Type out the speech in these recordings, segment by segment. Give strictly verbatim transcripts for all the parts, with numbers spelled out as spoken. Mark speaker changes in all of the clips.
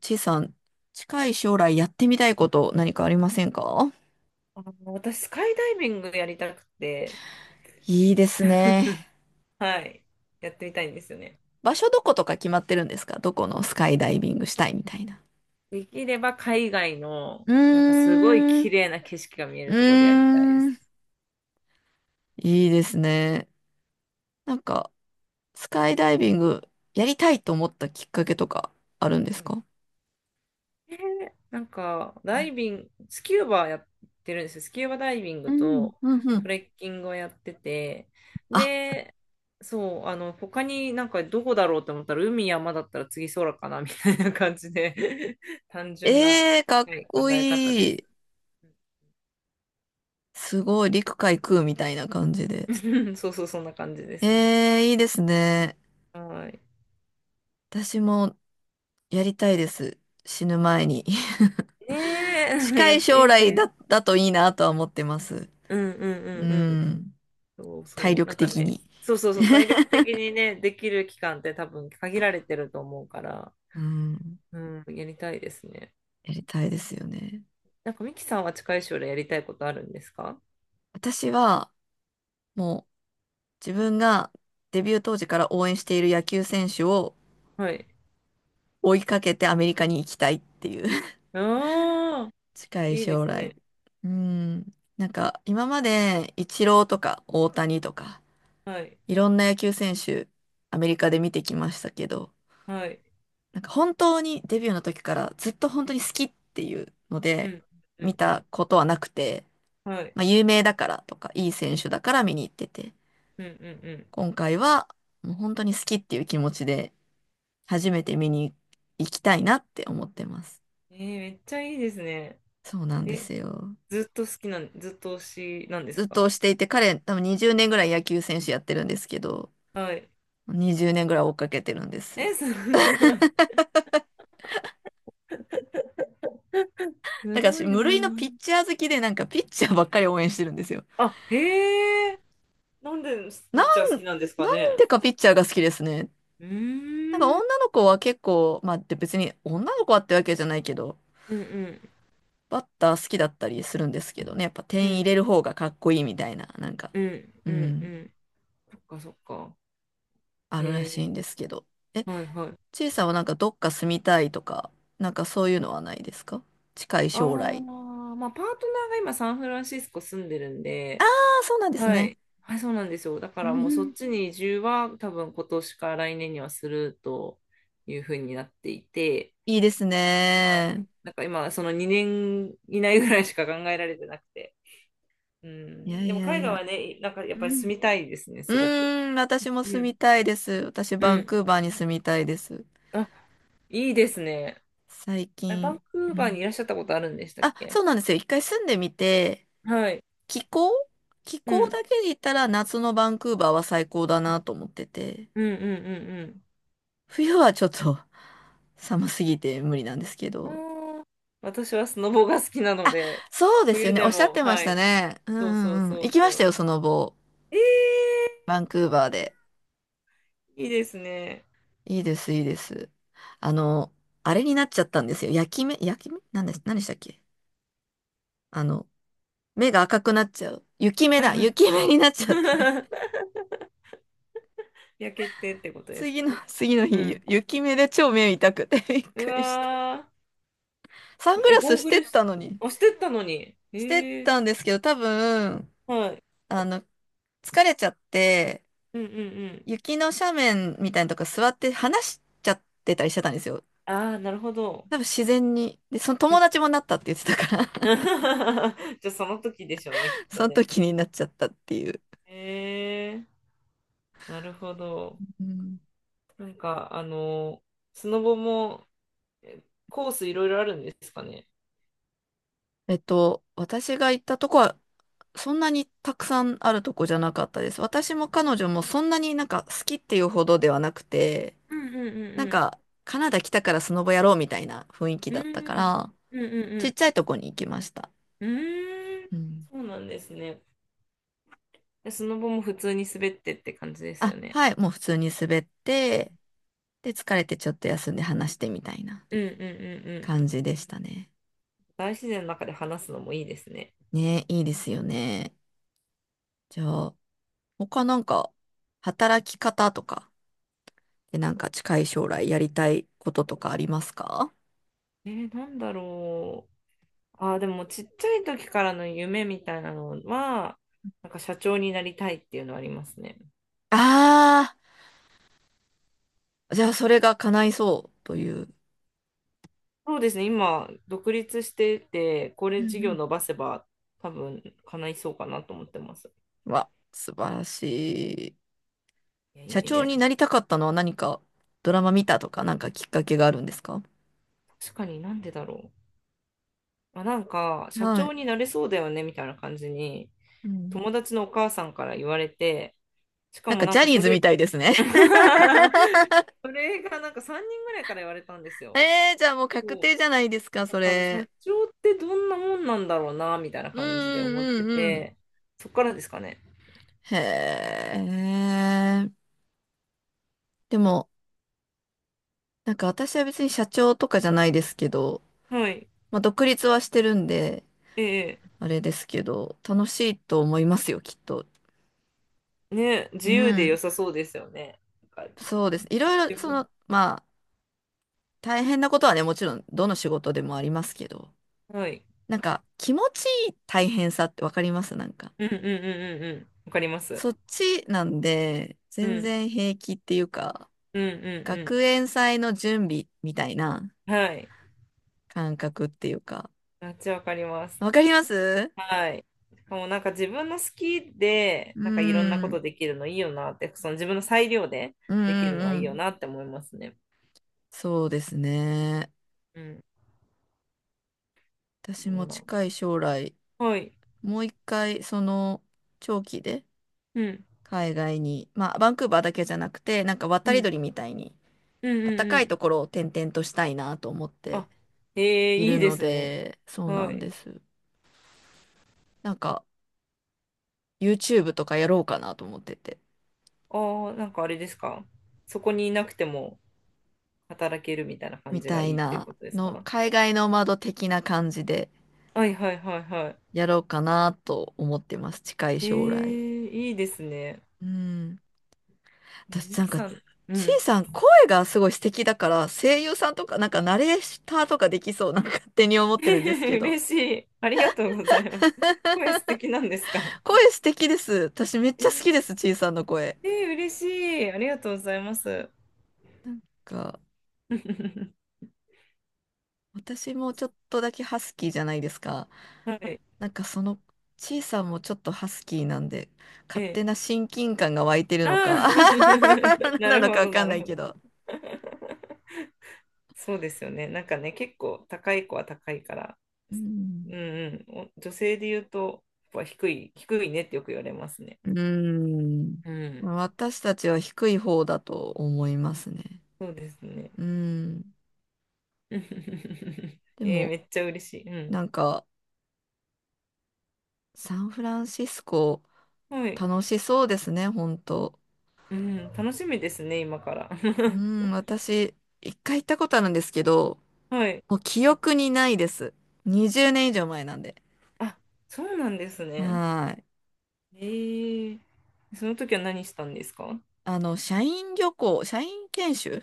Speaker 1: ちいさん、近い将来やってみたいこと何かありませんか？
Speaker 2: あの私、スカイダイビングやりたくて、
Speaker 1: いいですね。
Speaker 2: はい、やってみたいんですよね。
Speaker 1: 場所どことか決まってるんですか？どこのスカイダイビングしたいみたいな。
Speaker 2: できれば海外の、
Speaker 1: う
Speaker 2: なんかすごい
Speaker 1: ーん、う
Speaker 2: 綺麗な景色が見えるところでやりたいで
Speaker 1: ー
Speaker 2: す
Speaker 1: ん、
Speaker 2: ね。
Speaker 1: いいですね。なんか、スカイダイビングやりたいと思ったきっかけとかあるんですか？
Speaker 2: えーなんか、ダイビング、スキューバやってるんですよ。スキューバダイビン
Speaker 1: う
Speaker 2: グ
Speaker 1: ん、
Speaker 2: と
Speaker 1: うん、う
Speaker 2: ト
Speaker 1: ん。
Speaker 2: レッキングをやってて、
Speaker 1: あ、
Speaker 2: で、そう、あの、他になんかどこだろうと思ったら、海、山だったら次空かな、みたいな感じで 単純な、
Speaker 1: ええかっ
Speaker 2: はい、考
Speaker 1: こ
Speaker 2: え方で
Speaker 1: いい。
Speaker 2: す。
Speaker 1: すごい、陸海空みたいな感じで。
Speaker 2: そうそう、そんな感じで
Speaker 1: え
Speaker 2: すね。
Speaker 1: えいいですね。
Speaker 2: はい。
Speaker 1: 私もやりたいです。死ぬ前に。
Speaker 2: ね え、
Speaker 1: 近
Speaker 2: や
Speaker 1: い
Speaker 2: って
Speaker 1: 将
Speaker 2: みたい
Speaker 1: 来
Speaker 2: です。
Speaker 1: だ、だといいなとは思ってます。
Speaker 2: うんうん
Speaker 1: う
Speaker 2: うんうん。
Speaker 1: ん。
Speaker 2: そう
Speaker 1: 体
Speaker 2: そう。な
Speaker 1: 力
Speaker 2: んか
Speaker 1: 的
Speaker 2: ね、
Speaker 1: に。
Speaker 2: そうそうそう、体力的にね、できる期間って多分限られてると思うから、
Speaker 1: うん。
Speaker 2: うん、やりたいですね。
Speaker 1: やりたいですよね。
Speaker 2: なんかミキさんは近い将来やりたいことあるんですか？
Speaker 1: 私は、もう自分がデビュー当時から応援している野球選手を
Speaker 2: はい。
Speaker 1: 追いかけてアメリカに行きたいっていう
Speaker 2: ああ、
Speaker 1: 近い
Speaker 2: いいで
Speaker 1: 将
Speaker 2: す
Speaker 1: 来。
Speaker 2: ね。
Speaker 1: うん。なんか、今までイチローとか大谷とか、
Speaker 2: はい。
Speaker 1: いろんな野球選手、アメリカで見てきましたけど、
Speaker 2: はい。
Speaker 1: なんか本当にデビューの時からずっと本当に好きっていうの
Speaker 2: う
Speaker 1: で
Speaker 2: ん。う
Speaker 1: 見
Speaker 2: んう
Speaker 1: た
Speaker 2: ん。
Speaker 1: ことはなくて、
Speaker 2: はい。
Speaker 1: まあ有名だからとかいい選手だから見に行ってて、
Speaker 2: うんうんう
Speaker 1: 今回はもう本当に好きっていう気持ちで初めて見に行きたいなって思ってます。
Speaker 2: ん。えー、めっちゃいいですね。
Speaker 1: そうなんで
Speaker 2: え、
Speaker 1: すよ。
Speaker 2: ずっと好きなん、ずっと推しなんで
Speaker 1: ず
Speaker 2: す
Speaker 1: っと
Speaker 2: か？
Speaker 1: 推していて彼多分にじゅうねんぐらい野球選手やってるんですけど、
Speaker 2: はい。
Speaker 1: にじゅうねんぐらい追っかけてるんです。
Speaker 2: え、すごい。
Speaker 1: だ
Speaker 2: す
Speaker 1: から私
Speaker 2: ごい
Speaker 1: 無
Speaker 2: な。
Speaker 1: 類のピッチャー好きでなんかピッチャーばっかり応援してるんですよ。
Speaker 2: あ、へえ。なんでピ
Speaker 1: な
Speaker 2: ッチャ
Speaker 1: ん、
Speaker 2: ー好
Speaker 1: な
Speaker 2: き
Speaker 1: ん
Speaker 2: なんですかね？
Speaker 1: でかピッチャーが好きですね。
Speaker 2: う
Speaker 1: なんか
Speaker 2: ー
Speaker 1: 女
Speaker 2: ん。
Speaker 1: の子は結構、まあで別に女の子はってわけじゃないけど、
Speaker 2: うんうん
Speaker 1: バッター好きだったりするんですけどね、やっぱ
Speaker 2: う
Speaker 1: 点入
Speaker 2: ん
Speaker 1: れる方がかっこいいみたいな、なんか、
Speaker 2: うん
Speaker 1: う
Speaker 2: うんう
Speaker 1: ん、
Speaker 2: んそっかそっか。
Speaker 1: あるら
Speaker 2: へ
Speaker 1: しい
Speaker 2: え。
Speaker 1: んですけど。え、
Speaker 2: はいはい。
Speaker 1: ちいさんはなんかどっか住みたいとか、なんかそういうのはないですか？近い
Speaker 2: あ
Speaker 1: 将
Speaker 2: あ、
Speaker 1: 来。
Speaker 2: まあパートナーが今サンフランシスコ住んでるん
Speaker 1: ああ、
Speaker 2: で、
Speaker 1: そうなんです
Speaker 2: は
Speaker 1: ね。
Speaker 2: い。はい、そうなんですよ。だか
Speaker 1: う
Speaker 2: らもうそっ
Speaker 1: ん、
Speaker 2: ちに移住は多分今年か来年にはするというふうになっていて、
Speaker 1: いいです
Speaker 2: は
Speaker 1: ね。
Speaker 2: い、なんか今そのにねん以内ぐらいしか考えられてなくて。う
Speaker 1: いや
Speaker 2: ん、で
Speaker 1: い
Speaker 2: も
Speaker 1: やい
Speaker 2: 海外
Speaker 1: や。
Speaker 2: はね、なんかやっ
Speaker 1: う
Speaker 2: ぱり
Speaker 1: ん。
Speaker 2: 住みたいですね、
Speaker 1: う
Speaker 2: すごく。
Speaker 1: ーん、私も
Speaker 2: う
Speaker 1: 住
Speaker 2: ん。
Speaker 1: みたいです。私、
Speaker 2: う
Speaker 1: バン
Speaker 2: ん。
Speaker 1: クーバーに住みたいです。
Speaker 2: あ、いいですね。
Speaker 1: 最
Speaker 2: あれ、バン
Speaker 1: 近。
Speaker 2: クー
Speaker 1: う
Speaker 2: バーに
Speaker 1: ん
Speaker 2: いらっしゃったことあるんでしたっ
Speaker 1: あ、そ
Speaker 2: け？
Speaker 1: うなんですよ。一回住んでみて、
Speaker 2: はい。
Speaker 1: 気候気
Speaker 2: う
Speaker 1: 候
Speaker 2: ん。
Speaker 1: だけで言ったら夏のバンクーバーは最高だなと思ってて、
Speaker 2: うんうんうん
Speaker 1: 冬はちょっと 寒すぎて無理なんですけ
Speaker 2: う
Speaker 1: ど。
Speaker 2: ん。うーん。私はスノボが好きなの
Speaker 1: あ、
Speaker 2: で、
Speaker 1: そうですよ
Speaker 2: 冬
Speaker 1: ね。お
Speaker 2: で
Speaker 1: っしゃっ
Speaker 2: も、
Speaker 1: てまし
Speaker 2: は
Speaker 1: た
Speaker 2: い。
Speaker 1: ね。うんう
Speaker 2: そうそう
Speaker 1: んうん。
Speaker 2: そ
Speaker 1: 行
Speaker 2: う
Speaker 1: き
Speaker 2: そ
Speaker 1: ましたよ、
Speaker 2: う。
Speaker 1: その後。
Speaker 2: え
Speaker 1: バンクーバーで。
Speaker 2: ー、いいですね。
Speaker 1: いいです、いいです。あの、あれになっちゃったんですよ。焼き目、焼き目なんです、何でしたっけ？あの、目が赤くなっちゃう。雪目
Speaker 2: はい
Speaker 1: だ、
Speaker 2: はい。
Speaker 1: 雪目になっちゃって。
Speaker 2: 焼けてってことです
Speaker 1: 次
Speaker 2: か？
Speaker 1: の、次の
Speaker 2: う
Speaker 1: 日、ゆ
Speaker 2: ん。
Speaker 1: 雪目で超目痛くて びっ
Speaker 2: う
Speaker 1: くりした。
Speaker 2: わ
Speaker 1: サン
Speaker 2: ー。
Speaker 1: グ
Speaker 2: え、
Speaker 1: ラス
Speaker 2: ゴー
Speaker 1: し
Speaker 2: グ
Speaker 1: てっ
Speaker 2: ルし、
Speaker 1: たのに。
Speaker 2: あ、してったのに。え
Speaker 1: してっ
Speaker 2: ー、
Speaker 1: たんですけど、多分、
Speaker 2: はい。
Speaker 1: あの、疲れちゃって、
Speaker 2: うんうんうん。
Speaker 1: 雪の斜面みたいなとこ座って話しちゃってたりしてたんですよ。
Speaker 2: ああ、なるほど。
Speaker 1: 多分自然に。で、その
Speaker 2: う
Speaker 1: 友
Speaker 2: ん
Speaker 1: 達もなったって言ってたから
Speaker 2: じゃあその時でしょうね、きっ と
Speaker 1: その
Speaker 2: ね。
Speaker 1: 時になっちゃったっていう。
Speaker 2: へえ、なるほど。
Speaker 1: うん
Speaker 2: なんか、あの、スノボもえコースいろいろあるんですかね？
Speaker 1: えっと、私が行ったとこは、そんなにたくさんあるとこじゃなかったです。私も彼女もそんなになんか好きっていうほどではなくて、
Speaker 2: うんうんう
Speaker 1: なんか、
Speaker 2: ん
Speaker 1: カナダ来たからスノボやろうみたいな雰囲気
Speaker 2: う
Speaker 1: だったか
Speaker 2: ん。
Speaker 1: ら、
Speaker 2: うんうんう
Speaker 1: ちっ
Speaker 2: ん
Speaker 1: ちゃいとこに行きました。
Speaker 2: うん。うーん、
Speaker 1: うん。
Speaker 2: そうなんですね。でスノボも普通に滑ってって感じです
Speaker 1: あ、
Speaker 2: よね。
Speaker 1: はい、もう普通に滑って、で、疲れてちょっと休んで話してみたいな
Speaker 2: うんうんうんうん。
Speaker 1: 感じでしたね。
Speaker 2: 大自然の中で話すのもいいですね。
Speaker 1: ね、いいですよね。じゃあ、他なんか、働き方とか、で、なんか近い将来やりたいこととかありますか？
Speaker 2: えー、なんだろう。ああ、でもちっちゃい時からの夢みたいなのは、なんか社長になりたいっていうのはありますね。
Speaker 1: ああー、じゃあそれが叶いそうという。
Speaker 2: そうですね、今、独立してて、こ
Speaker 1: う
Speaker 2: れ
Speaker 1: んう
Speaker 2: 事業
Speaker 1: ん
Speaker 2: 伸ばせば、多分叶いそうかなと思ってます。
Speaker 1: わ、素晴らしい。
Speaker 2: いやい
Speaker 1: 社
Speaker 2: やい
Speaker 1: 長
Speaker 2: や、
Speaker 1: になりたかったのは何か？ドラマ見たとかなんかきっかけがあるんですか？
Speaker 2: 確かになんでだろう。まあ、なんか、社
Speaker 1: はい。
Speaker 2: 長になれそうだよねみたいな感じに、
Speaker 1: うん。
Speaker 2: 友達のお母さんから言われて、しか
Speaker 1: なん
Speaker 2: も
Speaker 1: か
Speaker 2: な
Speaker 1: ジ
Speaker 2: ん
Speaker 1: ャ
Speaker 2: か
Speaker 1: ニー
Speaker 2: そ
Speaker 1: ズみ
Speaker 2: れ、
Speaker 1: たいですね。
Speaker 2: それがなんかさんにんぐらいから言われたんです よ。
Speaker 1: えー、じゃあもう確
Speaker 2: そう。
Speaker 1: 定じゃないですか、
Speaker 2: だ
Speaker 1: そ
Speaker 2: から社
Speaker 1: れ。
Speaker 2: 長ってどんなもんなんだろうな、みたいな
Speaker 1: う
Speaker 2: 感じで
Speaker 1: ん
Speaker 2: 思っ
Speaker 1: う
Speaker 2: て
Speaker 1: んうんうん。
Speaker 2: て、そっからですかね。
Speaker 1: へえ。でも、なんか私は別に社長とかじゃないですけど、
Speaker 2: はい。
Speaker 1: まあ独立はしてるんで、
Speaker 2: ええ、
Speaker 1: あれですけど、楽しいと思いますよ、きっと。
Speaker 2: ね、
Speaker 1: う
Speaker 2: 自由で良
Speaker 1: ん。
Speaker 2: さそうですよね。なんか
Speaker 1: そうです。いろいろ、
Speaker 2: 自
Speaker 1: そ
Speaker 2: 分
Speaker 1: の、まあ、大変なことはね、もちろんどの仕事でもありますけど、
Speaker 2: はい。
Speaker 1: なんか気持ちいい大変さってわかりますなんか。
Speaker 2: うんうんうんうんうん。わかります。
Speaker 1: そっちなんで、
Speaker 2: う
Speaker 1: 全
Speaker 2: ん。
Speaker 1: 然平気っていうか、
Speaker 2: うんう
Speaker 1: 学
Speaker 2: ん
Speaker 1: 園祭の準備みたいな
Speaker 2: うん。はい。
Speaker 1: 感覚っていうか。
Speaker 2: めっちゃわかります。
Speaker 1: わかります
Speaker 2: はい。しかもなんか自分の好きで、
Speaker 1: うー
Speaker 2: なんかいろんなこ
Speaker 1: ん、
Speaker 2: とできるのいいよなって、その自分の裁量で
Speaker 1: うんう
Speaker 2: できるのは
Speaker 1: ん
Speaker 2: い
Speaker 1: う
Speaker 2: いよ
Speaker 1: ん。
Speaker 2: なって思いますね。
Speaker 1: そうですね。
Speaker 2: うん。
Speaker 1: 私
Speaker 2: そ
Speaker 1: も
Speaker 2: うなんで
Speaker 1: 近い
Speaker 2: す。
Speaker 1: 将来、
Speaker 2: はい。
Speaker 1: もう一回、その、長期で
Speaker 2: うん。
Speaker 1: 海外に、まあ、バンクーバーだけじゃなくて、なんか渡
Speaker 2: う
Speaker 1: り
Speaker 2: ん。
Speaker 1: 鳥みたいに、
Speaker 2: うんう
Speaker 1: 暖
Speaker 2: んう
Speaker 1: かいと
Speaker 2: ん。
Speaker 1: ころを転々としたいなと思って
Speaker 2: あ、ええ、
Speaker 1: い
Speaker 2: いい
Speaker 1: る
Speaker 2: で
Speaker 1: の
Speaker 2: すね。
Speaker 1: で、そうな
Speaker 2: は
Speaker 1: ん
Speaker 2: い。
Speaker 1: です。なんか、YouTube とかやろうかなと思ってて、
Speaker 2: ああ、なんかあれですか。そこにいなくても働けるみたいな感
Speaker 1: み
Speaker 2: じが
Speaker 1: たい
Speaker 2: いいって
Speaker 1: な
Speaker 2: ことです
Speaker 1: の、
Speaker 2: か？
Speaker 1: 海外ノマド的な感じで
Speaker 2: はいはいはいはい。
Speaker 1: やろうかなと思ってます、近い
Speaker 2: え
Speaker 1: 将来。
Speaker 2: え、いいですね。
Speaker 1: うん。私
Speaker 2: ミ
Speaker 1: なん
Speaker 2: キ
Speaker 1: か、
Speaker 2: さん、う
Speaker 1: ちい
Speaker 2: ん。
Speaker 1: さん声がすごい素敵だから、声優さんとか、なんかナレーターとかできそう、なんか勝手に思 ってるんですけど。
Speaker 2: 嬉しい。ありがとうございます。声素敵なんですか？
Speaker 1: 声素敵です。私めっ
Speaker 2: え
Speaker 1: ちゃ
Speaker 2: ー、
Speaker 1: 好きです、ちいさんの声。
Speaker 2: えー嬉しい。ありがとうございます。
Speaker 1: なんか、私もちょっとだけハスキーじゃないですか。
Speaker 2: はい。
Speaker 1: なんかその、ちいさんもちょっとハスキーなんで、勝
Speaker 2: え
Speaker 1: 手な親近感が湧いてる
Speaker 2: あ
Speaker 1: の
Speaker 2: あ
Speaker 1: か、
Speaker 2: ー
Speaker 1: 何
Speaker 2: な
Speaker 1: な
Speaker 2: る
Speaker 1: の
Speaker 2: ほ
Speaker 1: かわ
Speaker 2: ど、
Speaker 1: か
Speaker 2: な
Speaker 1: んな
Speaker 2: る
Speaker 1: い
Speaker 2: ほ
Speaker 1: け
Speaker 2: ど。
Speaker 1: ど。
Speaker 2: そうですよね。なんかね、結構高い子は高いから、
Speaker 1: う
Speaker 2: うん
Speaker 1: ん。
Speaker 2: うん、お女性で言うと、やっぱ低い、低いねってよく言われますね。
Speaker 1: うーん。
Speaker 2: うん、
Speaker 1: 私たちは低い方だと思いますね。
Speaker 2: そうですね。
Speaker 1: うん。で
Speaker 2: えー、め
Speaker 1: も、
Speaker 2: っちゃ嬉しい。うん、
Speaker 1: なんか、サンフランシスコ、
Speaker 2: はい、
Speaker 1: 楽しそうですね、本当。
Speaker 2: うん、楽しみですね、今から。
Speaker 1: うん、私、一回行ったことあるんですけど、
Speaker 2: はい。
Speaker 1: もう記憶にないです。にじゅうねん以上前なんで。
Speaker 2: あ、そうなんですね。
Speaker 1: はーい。
Speaker 2: えー、その時は何したんですか？
Speaker 1: あの、社員旅行、社員研修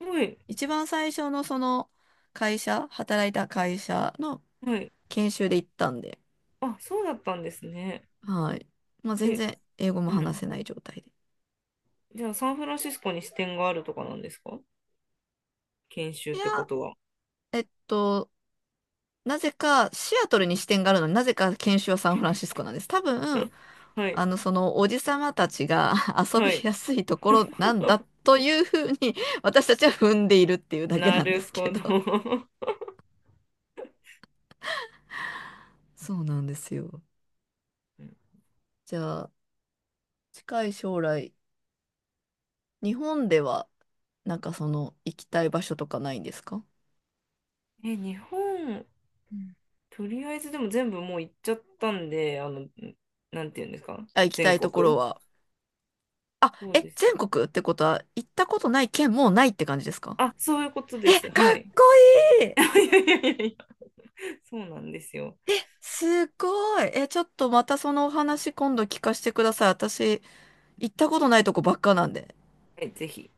Speaker 2: はい、
Speaker 1: 一番最初のその会社、働いた会社の
Speaker 2: はい。
Speaker 1: 研修で行ったんで、
Speaker 2: あ、そうだったんですね。
Speaker 1: はい。まあ、全
Speaker 2: え、
Speaker 1: 然英語も
Speaker 2: う
Speaker 1: 話せ
Speaker 2: ん。
Speaker 1: ない状態で。
Speaker 2: じゃあ、サンフランシスコに支店があるとかなんですか？研修
Speaker 1: い
Speaker 2: っ
Speaker 1: や
Speaker 2: てこ
Speaker 1: あ
Speaker 2: とは。
Speaker 1: と、なぜかシアトルに支店があるのになぜか研修はサンフランシスコなんです。多分、
Speaker 2: はい、
Speaker 1: あの、そのおじさまたちが 遊び
Speaker 2: はい。
Speaker 1: やすいところなんだ というふうに 私たちは踏んでいるっていうだけ
Speaker 2: な
Speaker 1: なんで
Speaker 2: る
Speaker 1: すけ
Speaker 2: ほ
Speaker 1: ど。
Speaker 2: ど。
Speaker 1: そうなんですよ。じゃあ、近い将来、日本では、なんかその、行きたい場所とかないんですか？
Speaker 2: え、日本、
Speaker 1: うん
Speaker 2: とりあえずでも全部もう行っちゃったんで、あの、なんていうんですか、
Speaker 1: あ、行きた
Speaker 2: 全
Speaker 1: いとこ
Speaker 2: 国。
Speaker 1: ろは。あ、
Speaker 2: そう
Speaker 1: え、
Speaker 2: です
Speaker 1: 全
Speaker 2: ね。
Speaker 1: 国ってことは、行ったことない県もうないって感じですか？
Speaker 2: あ、そういうことで
Speaker 1: え、
Speaker 2: す。
Speaker 1: か
Speaker 2: は
Speaker 1: っ
Speaker 2: い。
Speaker 1: こいい
Speaker 2: いやいやいやいや、そうなんですよ。
Speaker 1: え、すごい。え、ちょっとまたそのお話今度聞かせてください。私、行ったことないとこばっかなんで。
Speaker 2: はい、ぜひ。